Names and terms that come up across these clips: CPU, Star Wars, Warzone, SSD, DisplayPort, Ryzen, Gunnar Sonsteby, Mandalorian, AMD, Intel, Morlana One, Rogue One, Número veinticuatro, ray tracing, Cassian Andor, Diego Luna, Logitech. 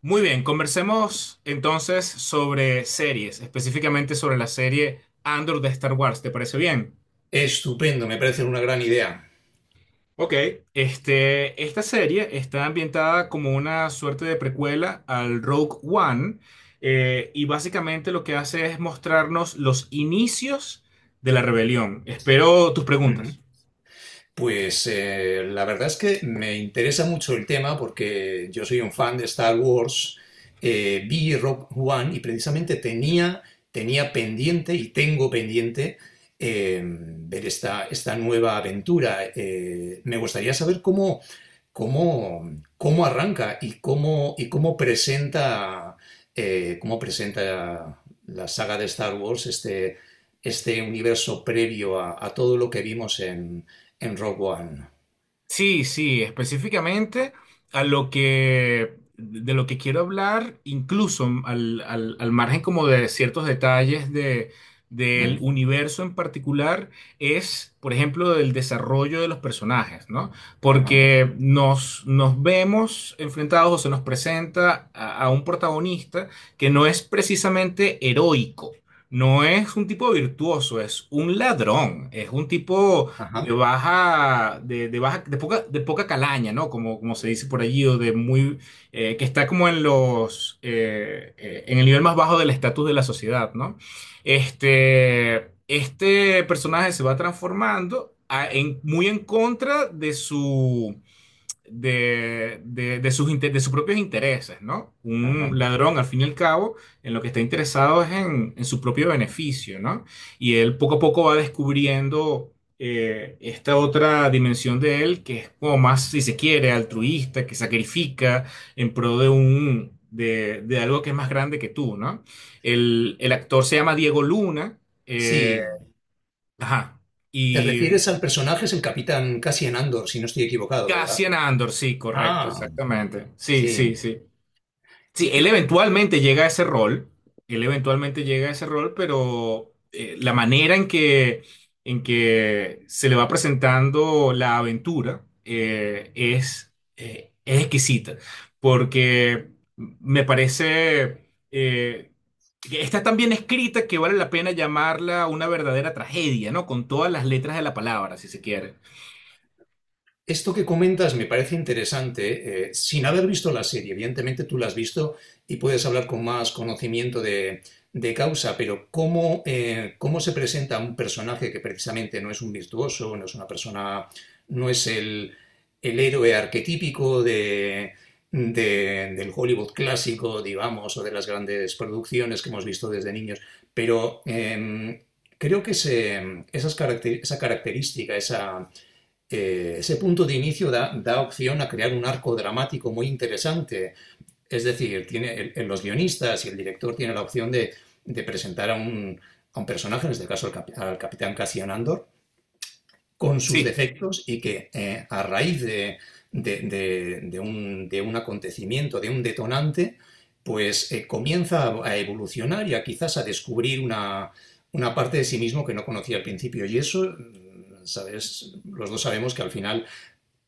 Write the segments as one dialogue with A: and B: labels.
A: Muy bien, conversemos entonces sobre series, específicamente sobre la serie Andor de Star Wars, ¿te parece bien?
B: Estupendo, me parece una gran idea.
A: Ok. Esta serie está ambientada como una suerte de precuela al Rogue One y básicamente lo que hace es mostrarnos los inicios de la rebelión. Espero tus
B: Ujú.
A: preguntas.
B: Pues la verdad es que me interesa mucho el tema porque yo soy un fan de Star Wars. Vi Rogue One y precisamente tenía pendiente y tengo pendiente, ver esta nueva aventura. Me gustaría saber cómo, cómo arranca y cómo presenta la saga de Star Wars este universo previo a todo lo que vimos en Rogue One.
A: Sí, sí, específicamente a lo que de lo que quiero hablar, incluso al margen como de ciertos detalles del
B: Mm.
A: universo en particular, es, por ejemplo, del desarrollo de los personajes, ¿no?
B: Ajá,
A: Porque nos vemos enfrentados o se nos presenta a un protagonista que no es precisamente heroico. No es un tipo virtuoso, es un ladrón, es un tipo
B: ajá,
A: de poca calaña, ¿no? Como, como se dice por allí, o que está como en en el nivel más bajo del estatus de la sociedad, ¿no? Este personaje se va transformando muy en contra de su de sus, inte- de sus propios intereses, ¿no? Un
B: ajá.
A: ladrón, al fin y al cabo, en lo que está interesado es en su propio beneficio, ¿no? Y él poco a poco va descubriendo esta otra dimensión de él, que es como más, si se quiere, altruista, que sacrifica en pro de algo que es más grande que tú, ¿no? El actor se llama Diego Luna, eh,
B: Sí,
A: ajá,
B: te
A: y
B: refieres al personaje, es el capitán Cassian Andor, si no estoy equivocado, ¿verdad?
A: Cassian Andor, sí, correcto,
B: Ah,
A: exactamente. Sí,
B: sí.
A: sí, sí. Sí, él
B: Eh,
A: eventualmente llega a ese rol, pero la manera en que se le va presentando la aventura es exquisita, porque me parece que está tan bien escrita que vale la pena llamarla una verdadera tragedia, ¿no? Con todas las letras de la palabra, si se quiere.
B: Esto que comentas me parece interesante, sin haber visto la serie. Evidentemente tú la has visto y puedes hablar con más conocimiento de causa, pero ¿cómo, cómo se presenta un personaje que precisamente no es un virtuoso, no es una persona, no es el héroe arquetípico del Hollywood clásico, digamos, o de las grandes producciones que hemos visto desde niños? Pero creo que esa característica, esa ese punto de inicio da opción a crear un arco dramático muy interesante. Es decir, tiene, los guionistas y el director tienen la opción de presentar a un personaje, en este caso al, al capitán Cassian Andor, con sus
A: Sí,
B: defectos, y que a raíz de un acontecimiento, de un detonante, pues comienza a evolucionar y a quizás a descubrir una parte de sí mismo que no conocía al principio. Y eso, mm, sabes, los dos sabemos que al final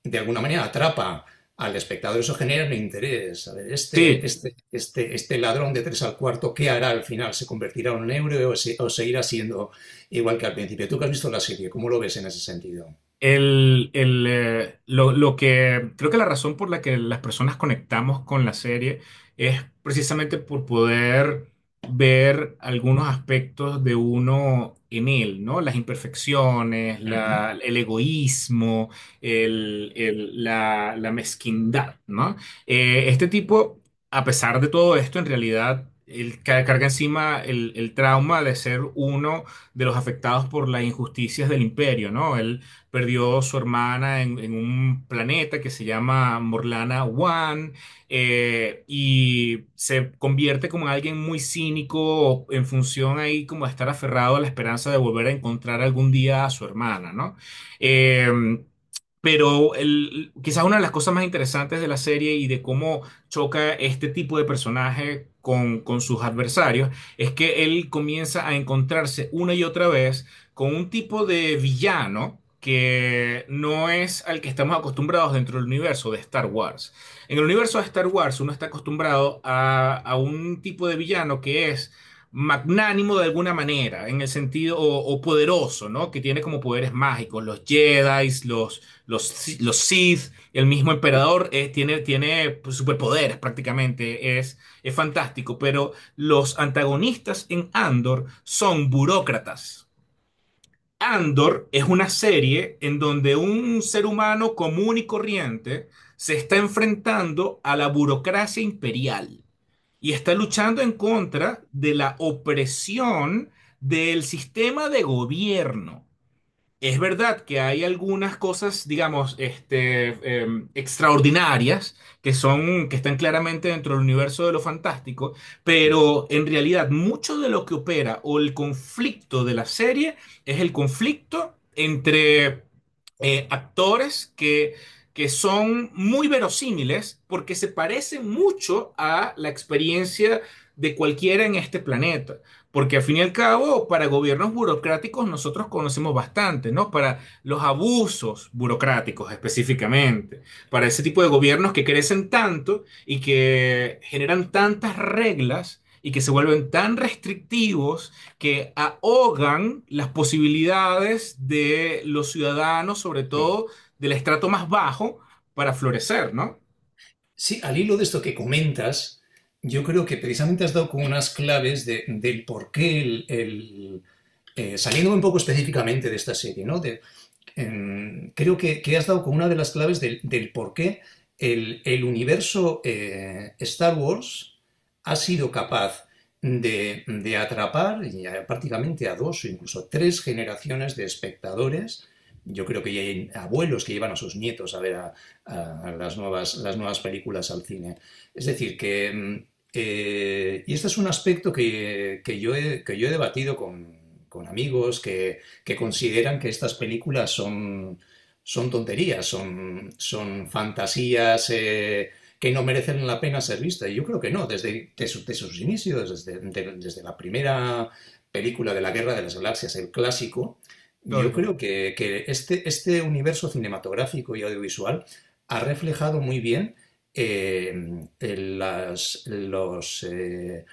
B: de alguna manera atrapa al espectador, eso genera un interés. A ver,
A: sí.
B: este ladrón de tres al cuarto, ¿qué hará al final? ¿Se convertirá en un héroe o seguirá siendo igual que al principio? Tú que has visto la serie, ¿cómo lo ves en ese sentido?
A: Lo que creo que la razón por la que las personas conectamos con la serie es precisamente por poder ver algunos aspectos de uno en él, ¿no? Las imperfecciones,
B: Uh -huh.
A: el egoísmo, la mezquindad, ¿no? Este tipo, a pesar de todo esto, en realidad, él carga encima el trauma de ser uno de los afectados por las injusticias del imperio, ¿no? Perdió su hermana en un planeta que se llama Morlana One, y se convierte como en alguien muy cínico en función ahí como de estar aferrado a la esperanza de volver a encontrar algún día a su hermana, ¿no? Em, pero quizás una de las cosas más interesantes de la serie y de cómo choca este tipo de personaje con sus adversarios es que él comienza a encontrarse una y otra vez con un tipo de villano que no es al que estamos acostumbrados dentro del universo de Star Wars. En el universo de Star Wars uno está acostumbrado a un tipo de villano que es magnánimo de alguna manera, en el sentido, o poderoso, ¿no? Que tiene como poderes mágicos, los Jedi, los Sith, el mismo emperador tiene pues, superpoderes prácticamente, es fantástico, pero los antagonistas en Andor son burócratas. Andor es una serie en donde un ser humano común y corriente se está enfrentando a la burocracia imperial y está luchando en contra de la opresión del sistema de gobierno. Es verdad que hay algunas cosas, digamos, extraordinarias que están claramente dentro del universo de lo fantástico, pero en realidad mucho de lo que opera o el conflicto de la serie es el conflicto entre actores que son muy verosímiles porque se parecen mucho a la experiencia de cualquiera en este planeta. Porque al fin y al cabo, para gobiernos burocráticos nosotros conocemos bastante, ¿no? Para los abusos burocráticos específicamente, para ese tipo de gobiernos que crecen tanto y que generan tantas reglas y que se vuelven tan restrictivos que ahogan las posibilidades de los ciudadanos, sobre
B: Sí.
A: todo del estrato más bajo, para florecer, ¿no?
B: Sí, al hilo de esto que comentas, yo creo que precisamente has dado como unas claves del por qué saliéndome un poco específicamente de esta serie, ¿no? Creo que has dado con una de las claves del por qué el universo Star Wars ha sido capaz de atrapar ya prácticamente a dos o incluso tres generaciones de espectadores. Yo creo que ya hay abuelos que llevan a sus nietos a ver las nuevas películas al cine. Es decir, que y este es un aspecto que yo he debatido con amigos consideran que estas películas son tonterías, son fantasías que no merecen la pena ser vistas. Y yo creo que no. Desde desde sus inicios, desde la primera película de la Guerra de las Galaxias, el clásico, yo
A: Claro,
B: creo que este universo cinematográfico y audiovisual ha reflejado muy bien las- los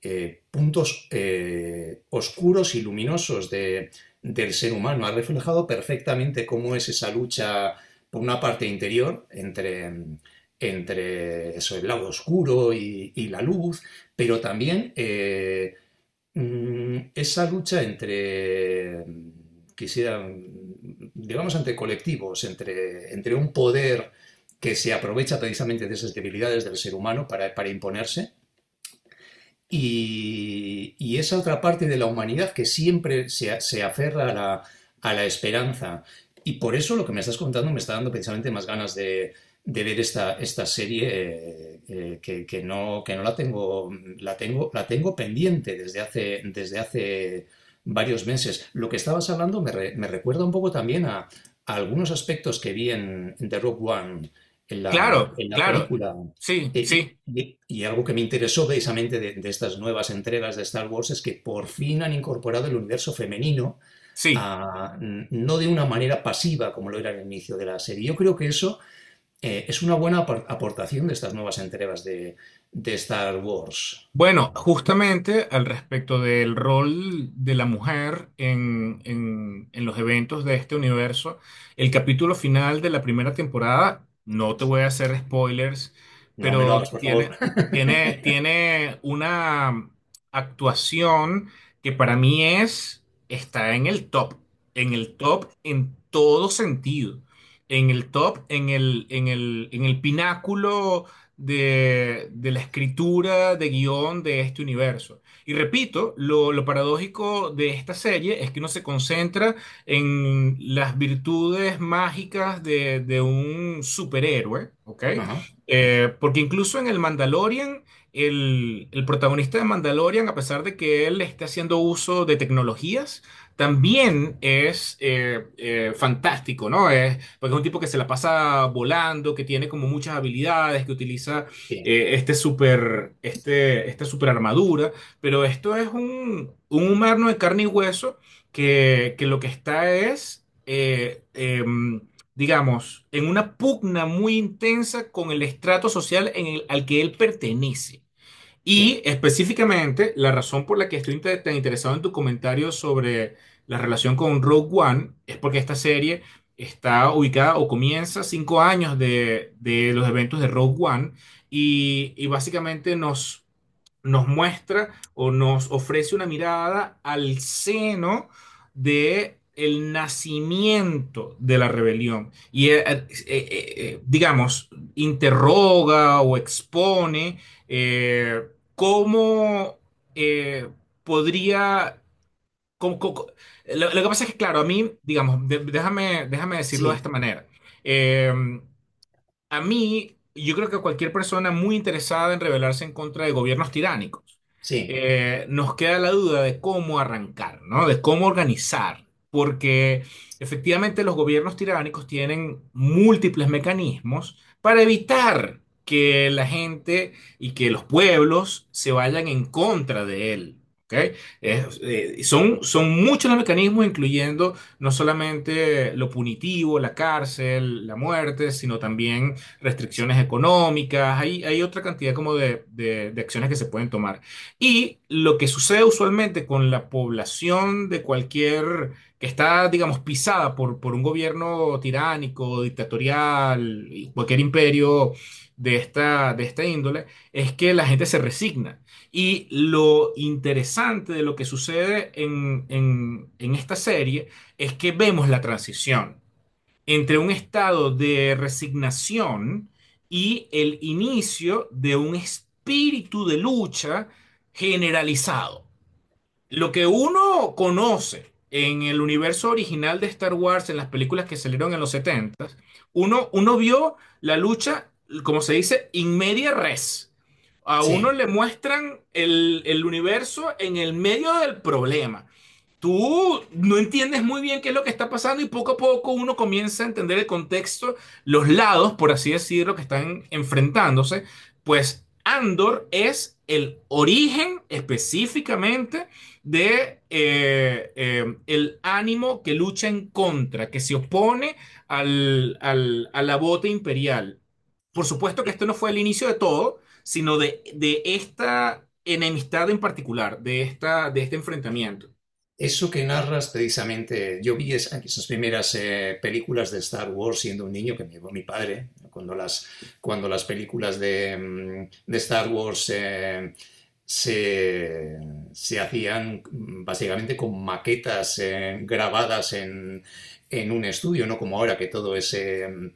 B: puntos oscuros y luminosos del ser humano. Ha reflejado perfectamente cómo es esa lucha, por una parte interior, entre eso, el lado oscuro y la luz, pero también esa lucha entre, digamos, entre colectivos, entre un poder que se aprovecha precisamente de esas debilidades del ser humano para imponerse, y esa otra parte de la humanidad que siempre se aferra a a la esperanza. Y por eso lo que me estás contando me está dando precisamente más ganas de ver esta serie, que no la tengo, la tengo pendiente desde hace varios meses. Lo que estabas hablando me recuerda un poco también a algunos aspectos que vi en The Rogue One, en
A: claro,
B: en la
A: claro.
B: película.
A: Sí,
B: Eh,
A: sí,
B: Y, y algo que me interesó precisamente de estas nuevas entregas de Star Wars es que por fin han incorporado el universo femenino,
A: sí.
B: no de una manera pasiva como lo era al inicio de la serie. Yo creo que eso es una buena aportación de estas nuevas entregas de Star Wars.
A: Bueno, justamente al respecto del rol de la mujer en, en los eventos de este universo, el capítulo final de la primera temporada, no te voy a hacer spoilers,
B: No me lo
A: pero
B: hagas, por favor.
A: tiene, tiene, tiene una actuación que para mí está en el top, en el top en todo sentido, en el top, en el, en el pináculo de la escritura de guión de este universo. Y repito, lo paradójico de esta serie es que uno se concentra en las virtudes mágicas de un superhéroe, ¿ok?
B: Ajá,
A: Porque incluso en el Mandalorian, el protagonista de Mandalorian, a pesar de que él esté haciendo uso de tecnologías, también es fantástico, ¿no? Porque es un tipo que se la pasa volando, que tiene como muchas habilidades, que utiliza
B: sí,
A: esta super armadura, pero esto es un humano de carne y hueso que lo que está digamos, en una pugna muy intensa con el estrato social al que él pertenece. Y
B: sí,
A: específicamente, la razón por la que estoy tan interesado en tu comentario sobre la relación con Rogue One es porque esta serie está ubicada o comienza 5 años de los eventos de Rogue One y básicamente nos muestra o nos ofrece una mirada al seno de el nacimiento de la rebelión y digamos, interroga o expone. Eh, ¿Cómo eh, podría... cómo- cómo- lo, lo que pasa es que, claro, a mí, digamos, déjame decirlo de esta
B: sí,
A: manera. Em, a mí, yo creo que a cualquier persona muy interesada en rebelarse en contra de gobiernos tiránicos,
B: sí,
A: nos queda la duda de cómo arrancar, ¿no? De cómo organizar, porque efectivamente los gobiernos tiránicos tienen múltiples mecanismos para evitar que la gente y que los pueblos se vayan en contra de él. ¿Ok? Son, son muchos los mecanismos, incluyendo no solamente lo punitivo, la cárcel, la muerte, sino también restricciones económicas, hay otra cantidad como de acciones que se pueden tomar. Y lo que sucede usualmente con la población de cualquier que está, digamos, pisada por un gobierno tiránico, dictatorial, y cualquier imperio de esta índole, es que la gente se resigna. Y lo interesante de lo que sucede en, en esta serie es que vemos la transición entre un estado de resignación y el inicio de un espíritu de lucha generalizado. Lo que uno conoce en el universo original de Star Wars, en las películas que salieron en los 70, uno vio la lucha, como se dice, in media res. A uno le muestran el universo en el medio del problema. Tú no entiendes muy bien qué es lo que está pasando y poco a poco uno comienza a entender el contexto, los lados, por así decirlo, que están enfrentándose. Pues Andor es el origen específicamente de el ánimo que lucha en contra, que se opone a la bota imperial. Por supuesto que
B: sí.
A: esto no fue el inicio de todo, sino de esta enemistad en particular, de este enfrentamiento.
B: Eso que narras precisamente, yo vi esas primeras películas de Star Wars siendo un niño que me llevó mi padre, cuando cuando las películas de, mm, de Star Wars se, se hacían, mm, básicamente con maquetas grabadas en un estudio, no como ahora que todo es eh, mm,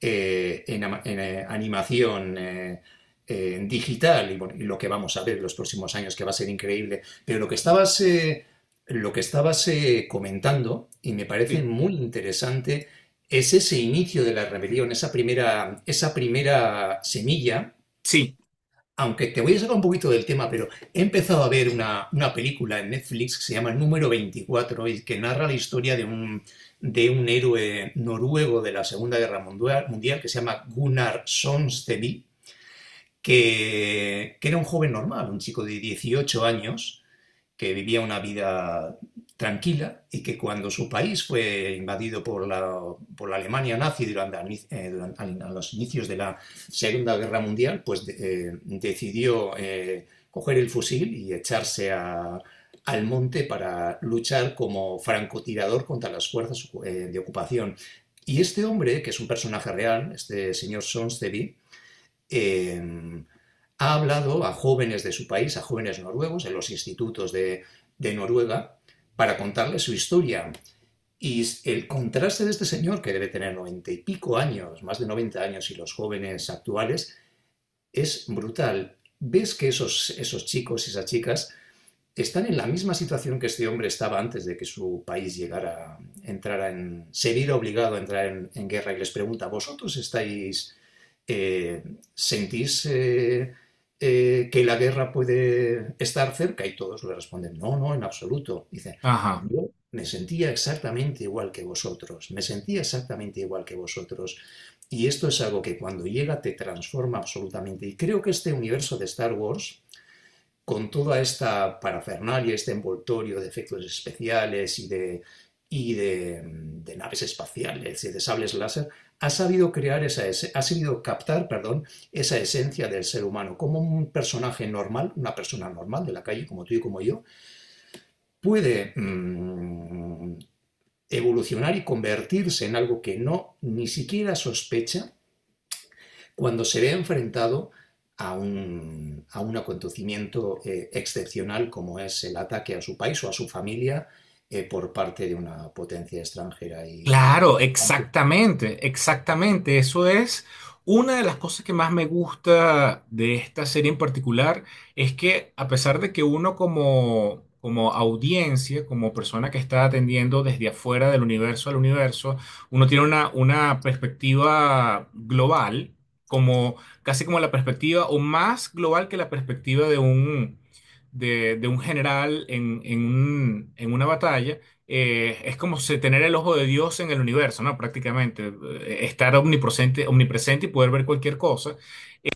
B: eh, en, en, eh, animación digital. Y bueno, y lo que vamos a ver los próximos años que va a ser increíble. Pero lo que estabas comentando, y me parece
A: Sí.
B: muy interesante, es ese inicio de la rebelión, esa primera semilla.
A: Sí,
B: Aunque te voy a sacar un poquito del tema, pero he empezado a ver una película en Netflix que se llama Número 24 y que narra la historia de un héroe noruego de la Segunda Guerra Mundial que se llama Gunnar Sonsteby, que era un joven normal, un chico de 18 años, que vivía una vida tranquila y que cuando su país fue invadido por por la Alemania nazi durante, a los inicios de la Segunda Guerra Mundial, pues decidió coger el fusil y echarse al monte para luchar como francotirador contra las fuerzas de ocupación. Y este hombre, que es un personaje real, este señor Sonstevi, eh, ha hablado a jóvenes de su país, a jóvenes noruegos, en los institutos de Noruega, para contarles su historia. Y el contraste de este señor, que debe tener 90 y pico años, más de 90 años, y los jóvenes actuales, es brutal. Ves que esos chicos y esas chicas están en la misma situación que este hombre estaba antes de que su país llegara, se viera obligado a entrar en guerra, y les pregunta: ¿vosotros estáis eh, ¿sentís que la guerra puede estar cerca? Y todos le responden: no, no, en absoluto. Dice:
A: ajá.
B: yo me sentía exactamente igual que vosotros, me sentía exactamente igual que vosotros. Y esto es algo que cuando llega te transforma absolutamente. Y creo que este universo de Star Wars con toda esta parafernalia, este envoltorio de efectos especiales y de naves espaciales y de sables láser, ha sabido crear esa ha sabido captar, perdón, esa esencia del ser humano, como un personaje normal, una persona normal de la calle como tú y como yo, puede mmm, evolucionar y convertirse en algo que no ni siquiera sospecha cuando se ve enfrentado a un acontecimiento excepcional, como es el ataque a su país o a su familia por parte de una potencia extranjera. Y
A: Claro,
B: aunque
A: exactamente, exactamente. Eso es una de las cosas que más me gusta de esta serie en particular, es que a pesar de que uno como, audiencia, como persona que está atendiendo desde afuera del universo al universo, uno tiene una perspectiva global, como casi como la perspectiva, o más global que la perspectiva de un general en en una batalla es como tener el ojo de Dios en el universo, ¿no? Prácticamente, estar omnipresente, omnipresente y poder ver cualquier cosa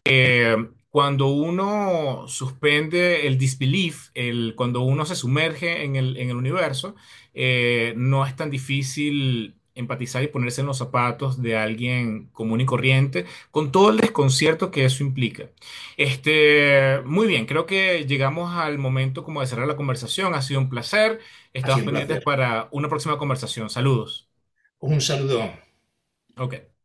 A: eh, cuando uno suspende el disbelief, cuando uno se sumerge en el, universo, no es tan difícil empatizar y ponerse en los zapatos de alguien común y corriente, con todo el desconcierto que eso implica. Muy bien, creo que llegamos al momento como de cerrar la conversación. Ha sido un placer.
B: ha
A: Estamos
B: sido un
A: pendientes
B: placer.
A: para una próxima conversación. Saludos.
B: Un saludo.
A: Ok.